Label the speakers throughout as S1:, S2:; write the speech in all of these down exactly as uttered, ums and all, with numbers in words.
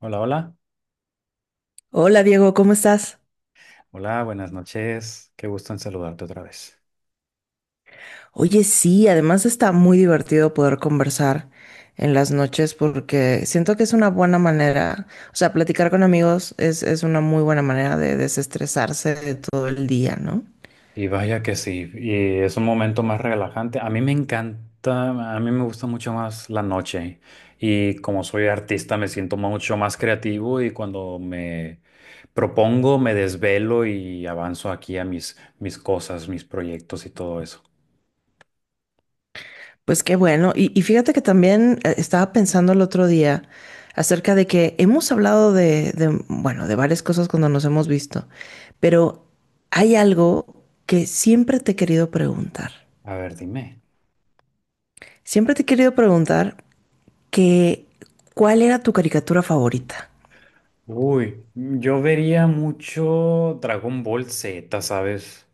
S1: Hola, hola.
S2: Hola Diego, ¿cómo estás?
S1: Hola, buenas noches. Qué gusto en saludarte otra vez.
S2: Oye, sí, además está muy divertido poder conversar en las noches porque siento que es una buena manera, o sea, platicar con amigos es, es una muy buena manera de desestresarse de todo el día, ¿no?
S1: Y vaya que sí, y es un momento más relajante. A mí me encanta, a mí me gusta mucho más la noche. Y como soy artista, me siento mucho más creativo y cuando me propongo, me desvelo y avanzo aquí a mis, mis cosas, mis proyectos y todo eso.
S2: Pues qué bueno, y, y fíjate que también eh, estaba pensando el otro día acerca de que hemos hablado de, de, bueno, de varias cosas cuando nos hemos visto, pero hay algo que siempre te he querido preguntar.
S1: A ver, dime.
S2: Siempre te he querido preguntar que ¿cuál era tu caricatura favorita?
S1: Uy, yo vería mucho Dragon Ball Z, ¿sabes?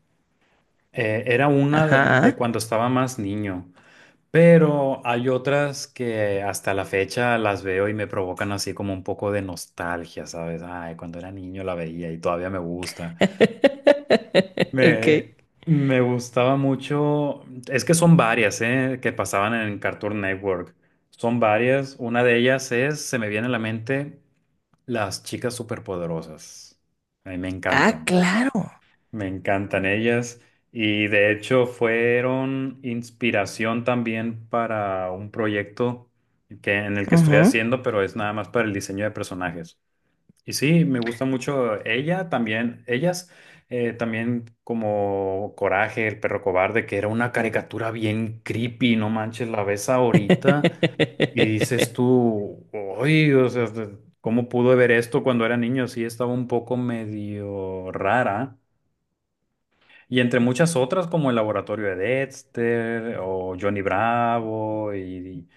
S1: Eh, era una de de
S2: Ajá.
S1: cuando estaba más niño. Pero hay otras que hasta la fecha las veo y me provocan así como un poco de nostalgia, ¿sabes? Ay, cuando era niño la veía y todavía me gusta.
S2: Ok.
S1: Me, me gustaba mucho, es que son varias, ¿eh? Que pasaban en Cartoon Network. Son varias. Una de ellas es, se me viene a la mente, Las chicas superpoderosas. A mí me
S2: Ah,
S1: encantan.
S2: claro.
S1: Me encantan ellas y de hecho fueron inspiración también para un proyecto que, en el que estoy
S2: Ujú.
S1: haciendo, pero es nada más para el diseño de personajes. Y sí, me gusta mucho ella también, ellas eh, también como Coraje, el perro cobarde, que era una caricatura bien creepy, no manches, la ves ahorita y dices tú, oye, o sea, ¿cómo pudo ver esto cuando era niño? Sí, estaba un poco medio rara. Y entre muchas otras como El Laboratorio de Dexter o Johnny Bravo y,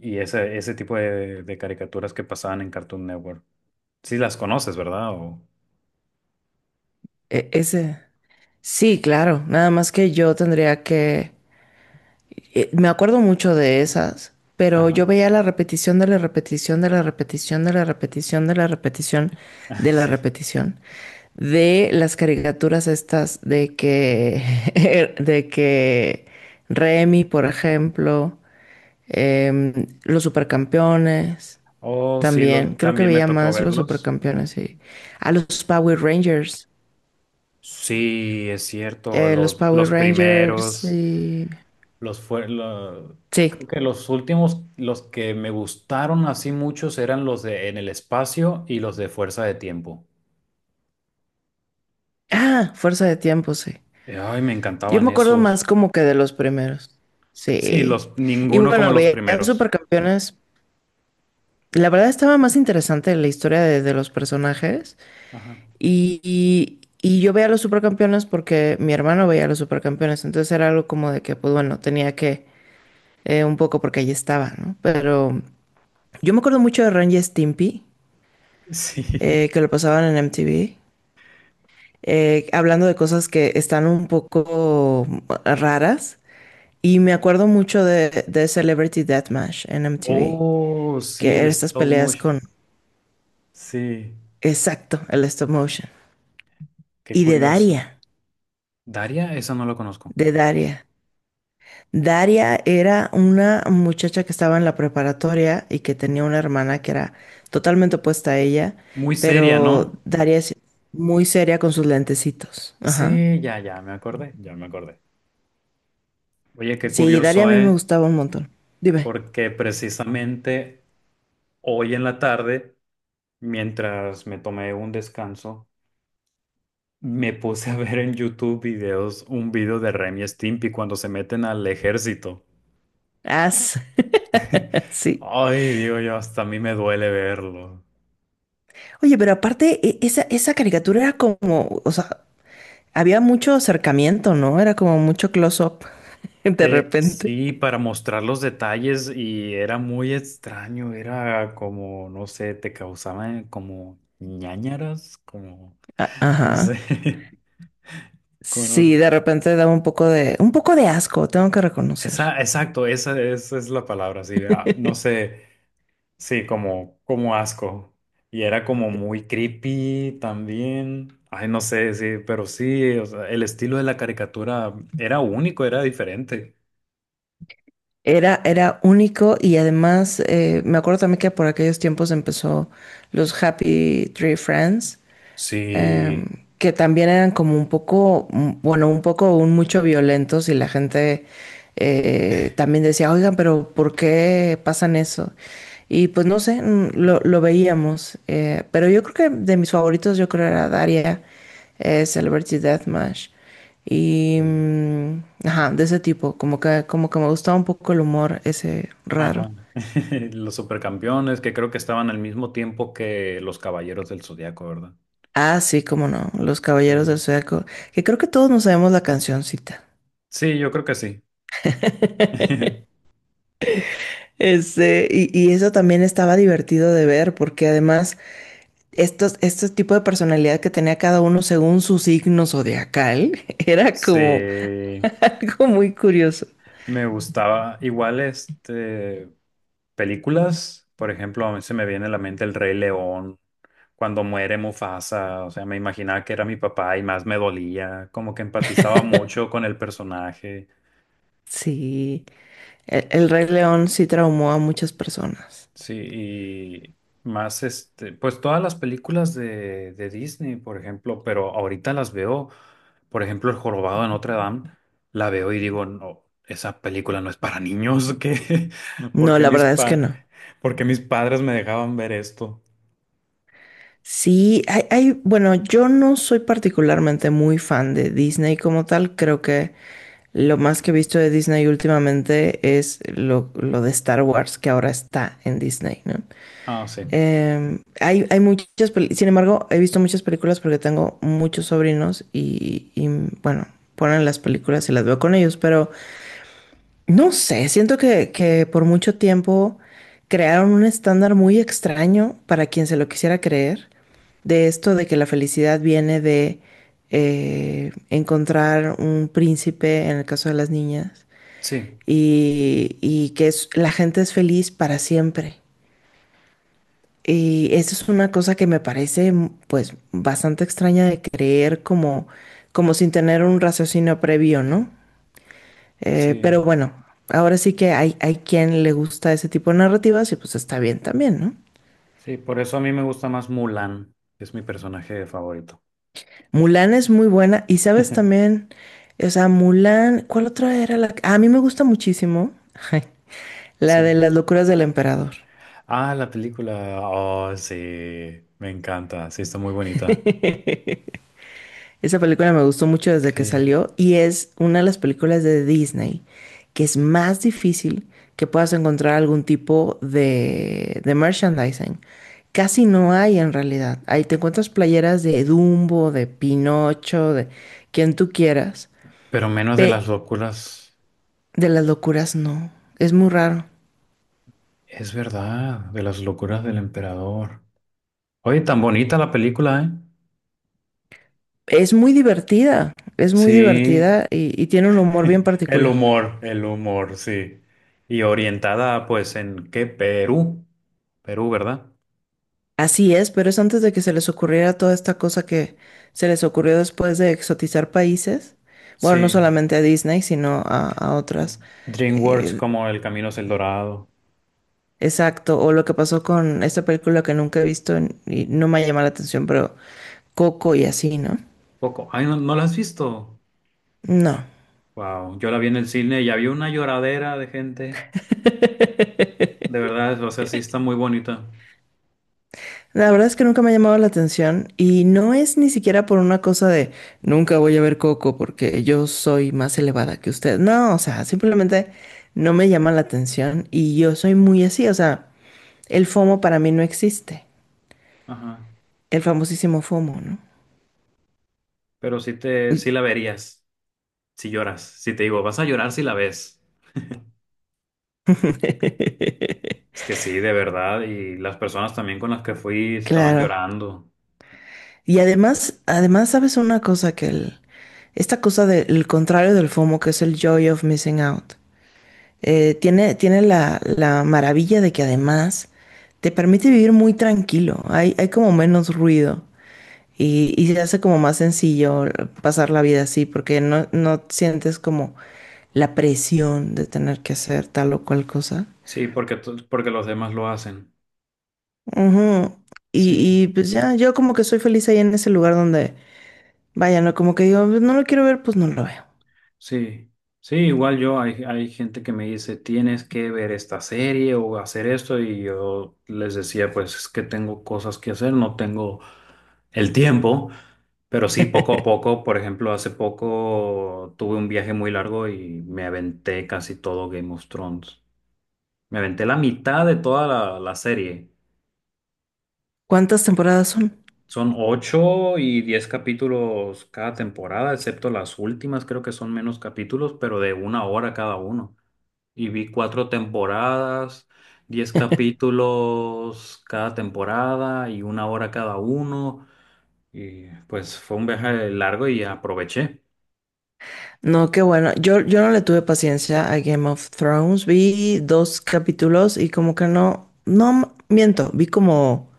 S1: y ese, ese tipo de, de caricaturas que pasaban en Cartoon Network. Sí las conoces, ¿verdad? O,
S2: E- ese. Sí, claro. Nada más que yo tendría que. Eh, Me acuerdo mucho de esas, pero
S1: ajá,
S2: yo veía la repetición de la repetición de la repetición de la repetición de la repetición de la
S1: sí.
S2: repetición de las caricaturas estas de que de que Remy, por ejemplo, em, los Supercampeones
S1: Oh, sí,
S2: también.
S1: los,
S2: Creo que
S1: también me
S2: veía
S1: tocó
S2: más los
S1: verlos.
S2: Supercampeones y a los Power Rangers,
S1: Sí, es cierto,
S2: eh, los
S1: los,
S2: Power
S1: los
S2: Rangers
S1: primeros,
S2: y
S1: los fue, lo-
S2: sí.
S1: creo que los últimos, los que me gustaron así muchos eran los de En el Espacio y los de Fuerza de Tiempo.
S2: Ah, Fuerza de Tiempo, sí.
S1: Ay, me
S2: Yo
S1: encantaban
S2: me acuerdo
S1: esos.
S2: más como que de los primeros.
S1: Sí,
S2: Sí.
S1: los,
S2: Y
S1: ninguno como
S2: bueno,
S1: los
S2: veía
S1: primeros.
S2: Supercampeones. La verdad estaba más interesante la historia de, de los personajes.
S1: Ajá.
S2: Y, y- y yo veía los Supercampeones porque mi hermano veía los Supercampeones. Entonces era algo como de que, pues bueno, tenía que eh, un poco porque allí estaba, ¿no? Pero yo me acuerdo mucho de Ren y Stimpy,
S1: Sí.
S2: eh, que lo pasaban en M T V, eh, hablando de cosas que están un poco raras. Y me acuerdo mucho de, de Celebrity Deathmatch en M T V,
S1: Oh, sí,
S2: que
S1: el
S2: eran estas
S1: stop
S2: peleas
S1: motion.
S2: con,
S1: Sí,
S2: exacto, el stop motion.
S1: qué
S2: Y de
S1: curioso.
S2: Daria,
S1: Daria, esa no la conozco.
S2: de Daria. Daria era una muchacha que estaba en la preparatoria y que tenía una hermana que era totalmente opuesta a ella,
S1: Muy seria,
S2: pero
S1: ¿no?
S2: Daria es muy seria con sus lentecitos. Ajá.
S1: Sí, ya, ya, me acordé, ya me acordé. Oye, qué
S2: Sí, Daria a
S1: curioso,
S2: mí me
S1: ¿eh?
S2: gustaba un montón. Dime.
S1: Porque precisamente hoy en la tarde, mientras me tomé un descanso, me puse a ver en YouTube videos, un video de Remy Stimpy cuando se meten al ejército.
S2: Ah, sí. Sí.
S1: Ay, digo yo, hasta a mí me duele verlo.
S2: Oye, pero aparte, e- esa, esa caricatura era como, o sea, había mucho acercamiento, ¿no? Era como mucho close-up de
S1: Eh,
S2: repente.
S1: sí, para mostrar los detalles y era muy extraño, era como, no sé, te causaban como ñáñaras, como,
S2: A-
S1: no
S2: Ajá.
S1: sé, como,
S2: Sí,
S1: no-
S2: de repente daba un poco de, un poco de asco, tengo que reconocer.
S1: esa, exacto, esa, esa es la palabra, sí, ah, no sé, sí, como, como asco. Y era como muy creepy también. Ay, no sé, sí, pero sí, o sea, el estilo de la caricatura era único, era diferente.
S2: Era, era único y además eh, me acuerdo también que por aquellos tiempos empezó los Happy Tree Friends. em,
S1: Sí,
S2: que también eran como un poco, mm, bueno, un poco, un mucho violentos y la gente eh, también decía, oigan, pero ¿por qué pasan eso? Y pues no sé, mm, lo, lo veíamos, eh, pero yo creo que de mis favoritos yo creo era Daria, eh, Celebrity Deathmatch. Y,
S1: sí,
S2: mm, ajá, de ese tipo, como que, como que me gustaba un poco el humor ese raro.
S1: ajá. Los supercampeones que creo que estaban al mismo tiempo que los Caballeros del Zodiaco, ¿verdad?
S2: Ah, sí, cómo no, Los Caballeros del
S1: Sí.
S2: Zodiaco, que creo que todos nos sabemos la cancioncita.
S1: Sí, yo creo que sí.
S2: Este, y, y eso también estaba divertido de ver, porque además estos, este tipo de personalidad que tenía cada uno según su signo zodiacal era
S1: Sí,
S2: como algo muy curioso.
S1: me gustaba. Igual, este, películas, por ejemplo, a mí se me viene a la mente El Rey León, cuando muere Mufasa, o sea, me imaginaba que era mi papá y más me dolía, como que empatizaba mucho con el personaje.
S2: Sí, el, el Rey León sí traumó a muchas personas.
S1: Sí, y más este, pues todas las películas de, de Disney, por ejemplo, pero ahorita las veo, por ejemplo, El Jorobado de Notre Dame, la veo y digo, no, esa película no es para niños, ¿qué? ¿Por
S2: No,
S1: qué
S2: la
S1: mis
S2: verdad es que
S1: pa-
S2: no.
S1: por qué mis padres me dejaban ver esto?
S2: Sí, hay, hay, bueno, yo no soy particularmente muy fan de Disney como tal. Creo que lo más que he visto de Disney últimamente es lo, lo de Star Wars, que ahora está en Disney, ¿no?
S1: Ah, sí,
S2: Em, hay, hay muchas, pel- sin embargo, he visto muchas películas porque tengo muchos sobrinos y, y, bueno, ponen las películas y las veo con ellos, pero no sé, siento que, que por mucho tiempo crearon un estándar muy extraño para quien se lo quisiera creer, de esto de que la felicidad viene de eh, encontrar un príncipe, en el caso de las niñas,
S1: sí,
S2: y, y que es- la gente es feliz para siempre. Y eso es una cosa que me parece mm, pues bastante extraña de creer como, como sin tener un raciocinio previo, ¿no? Eh,
S1: sí,
S2: pero bueno, ahora sí que hay, hay quien le gusta ese tipo de narrativas y pues está bien también, ¿no?
S1: sí, por eso a mí me gusta más Mulan, que es mi personaje favorito.
S2: Mulan es muy buena y sabes también, o sea, Mulan, ¿cuál otra era la que? Ah, a mí me gusta muchísimo, la de
S1: Sí.
S2: las locuras del emperador.
S1: Ah, la película, oh, sí, me encanta, sí, está muy bonita.
S2: Esa película me gustó mucho desde que
S1: Sí.
S2: salió y es una de las películas de Disney que es más difícil que puedas encontrar algún tipo de, de merchandising. Casi no hay en realidad. Ahí te encuentras playeras de Dumbo, de Pinocho, de quien tú quieras.
S1: Pero menos de
S2: Pe-
S1: las locuras,
S2: de las locuras no. Es muy raro.
S1: es verdad, de las locuras del emperador. Oye, tan bonita la película, ¿eh?
S2: Es muy divertida. Es muy
S1: Sí,
S2: divertida y y tiene un humor bien
S1: el
S2: particular.
S1: humor, el humor, sí. Y orientada, pues, ¿en qué? Perú. Perú, ¿verdad?
S2: Así es, pero es antes de que se les ocurriera toda esta cosa que se les ocurrió después de exotizar países. Bueno, no
S1: Sí.
S2: solamente a Disney, sino a, a otras.
S1: DreamWorks como El Camino es el Dorado.
S2: Exacto, o lo que pasó con esta película que nunca he visto en- y no me ha llamado la atención, pero Coco y así, ¿no?
S1: Coco. Ay, ¿no, no la has visto?
S2: No.
S1: Wow, yo la vi en el cine y había una lloradera de gente. De verdad, o sea, sí está muy bonita.
S2: La verdad es que nunca me ha llamado la atención y no es ni siquiera por una cosa de nunca voy a ver Coco porque yo soy más elevada que usted. No, o sea, simplemente no me llama la atención y yo soy muy así, o sea. El FOMO para mí no existe.
S1: Ajá.
S2: El famosísimo FOMO, ¿no?
S1: Pero sí te, sí la verías. Si lloras, si te digo, vas a llorar si la ves. Es que sí, de verdad, y las personas también con las que fui estaban
S2: Claro.
S1: llorando.
S2: Y además, además, ¿sabes una cosa? Que el, esta cosa del contrario del FOMO, que es el joy of missing out, eh, tiene, tiene la, la maravilla de que además te permite vivir muy tranquilo. Hay, hay como menos ruido y, y se hace como más sencillo pasar la vida así, porque no, no sientes como la presión de tener que hacer tal o cual cosa.
S1: Sí, porque, to- porque los demás lo hacen.
S2: Ujú.
S1: Sí,
S2: Y, y pues ya, yo como que soy feliz ahí en ese lugar donde, vaya, no, como que digo, "Pues, no lo quiero ver, pues no lo veo."
S1: sí. Sí, igual yo, hay, hay gente que me dice, tienes que ver esta serie o hacer esto, y yo les decía, pues es que tengo cosas que hacer, no tengo el tiempo, pero sí, poco a poco, por ejemplo, hace poco tuve un viaje muy largo y me aventé casi todo Game of Thrones. Me aventé la mitad de toda la, la serie.
S2: ¿Cuántas temporadas son?
S1: Son ocho y diez capítulos cada temporada, excepto las últimas, creo que son menos capítulos, pero de una hora cada uno. Y vi cuatro temporadas, diez capítulos cada temporada y una hora cada uno. Y pues fue un viaje largo y aproveché.
S2: No, qué bueno. Yo, yo no le tuve paciencia a Game of Thrones. Vi dos capítulos y como que no, no miento, vi como,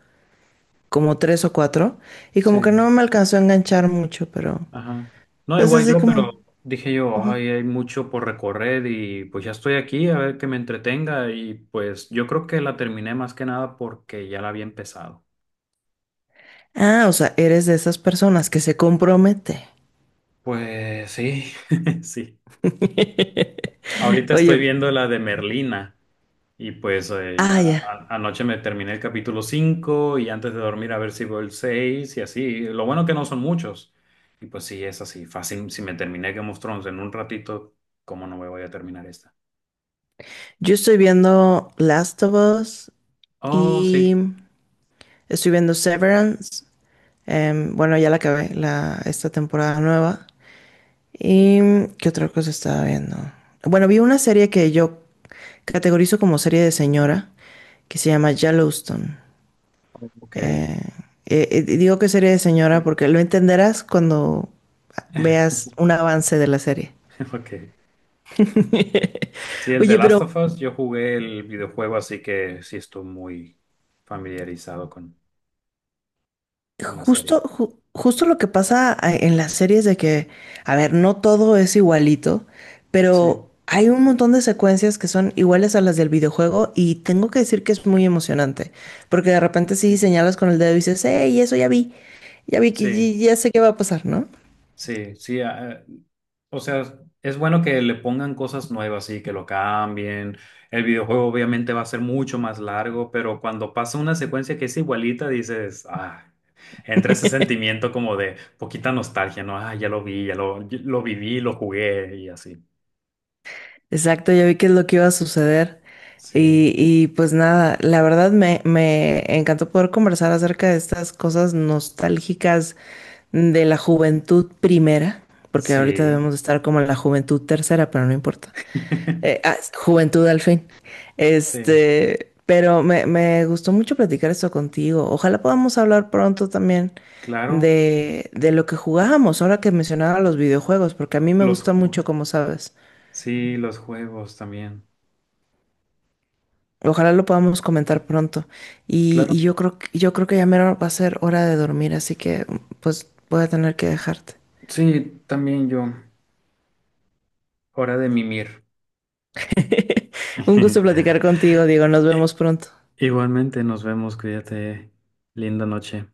S2: como tres o cuatro y como que
S1: Sí.
S2: no me alcanzó a enganchar mucho, pero
S1: Ajá. No,
S2: pues
S1: igual
S2: así
S1: yo,
S2: como,
S1: pero dije yo, ay, hay mucho por recorrer y pues ya estoy aquí, a ver que me entretenga y pues yo creo que la terminé más que nada porque ya la había empezado.
S2: ah, o sea, eres de esas personas que se compromete.
S1: Pues sí, sí. Ahorita estoy
S2: Oye,
S1: viendo la de Merlina y pues eh,
S2: ah,
S1: ya
S2: ya.
S1: a- anoche me terminé el capítulo cinco y antes de dormir a ver si veo el seis y así. Lo bueno que no son muchos. Y pues sí, es así, fácil. Si me terminé Game of Thrones en un ratito, ¿cómo no me voy a terminar esta?
S2: Yo estoy viendo Last of Us
S1: Oh,
S2: y
S1: sí.
S2: estoy viendo Severance. Em, bueno, ya la acabé, la, esta temporada nueva. ¿Y qué otra cosa estaba viendo? Bueno, vi una serie que yo categorizo como serie de señora, que se llama Yellowstone.
S1: Ok,
S2: Eh, eh, eh, Digo que serie de señora
S1: creo-
S2: porque lo entenderás cuando veas un avance de la serie.
S1: ok. Sí, el de
S2: Oye,
S1: Last
S2: pero
S1: of Us, yo jugué el videojuego, así que sí estoy muy familiarizado con, con la serie.
S2: Justo, ju- justo lo que pasa a- en las series de que, a ver, no todo es igualito,
S1: Sí,
S2: pero hay un montón de secuencias que son iguales a las del videojuego y tengo que decir que es muy emocionante, porque de repente sí
S1: sí,
S2: señalas con el dedo y dices, hey, eso ya vi, ya vi que
S1: sí,
S2: ya ya sé qué va a pasar, ¿no?
S1: sí, sí. Ah, o sea, es bueno que le pongan cosas nuevas y que lo cambien. El videojuego obviamente va a ser mucho más largo, pero cuando pasa una secuencia que es igualita, dices, ah, entra ese sentimiento como de poquita nostalgia, ¿no? Ah, ya lo vi, ya lo, lo viví, lo jugué y así.
S2: Exacto, ya vi qué es lo que iba a suceder.
S1: Sí.
S2: Y, y pues nada, la verdad me, me encantó poder conversar acerca de estas cosas nostálgicas de la juventud primera, porque ahorita
S1: Sí,
S2: debemos de estar como en la juventud tercera, pero no importa. Eh, ah, juventud al fin.
S1: sí,
S2: Este, pero me, me gustó mucho platicar esto contigo. Ojalá podamos hablar pronto también
S1: claro.
S2: de, de lo que jugábamos, ahora que mencionaba los videojuegos, porque a mí me
S1: Los,
S2: gusta
S1: ju-
S2: mucho, como sabes.
S1: sí, los juegos también.
S2: Ojalá lo podamos comentar pronto. Y,
S1: Claro.
S2: y yo creo que, yo creo que ya mero va a ser hora de dormir, así que pues voy a tener que dejarte.
S1: Sí, también yo. Hora de mimir.
S2: Un gusto platicar contigo, Diego. Nos
S1: Eh,
S2: vemos pronto.
S1: Igualmente nos vemos, cuídate. Linda noche.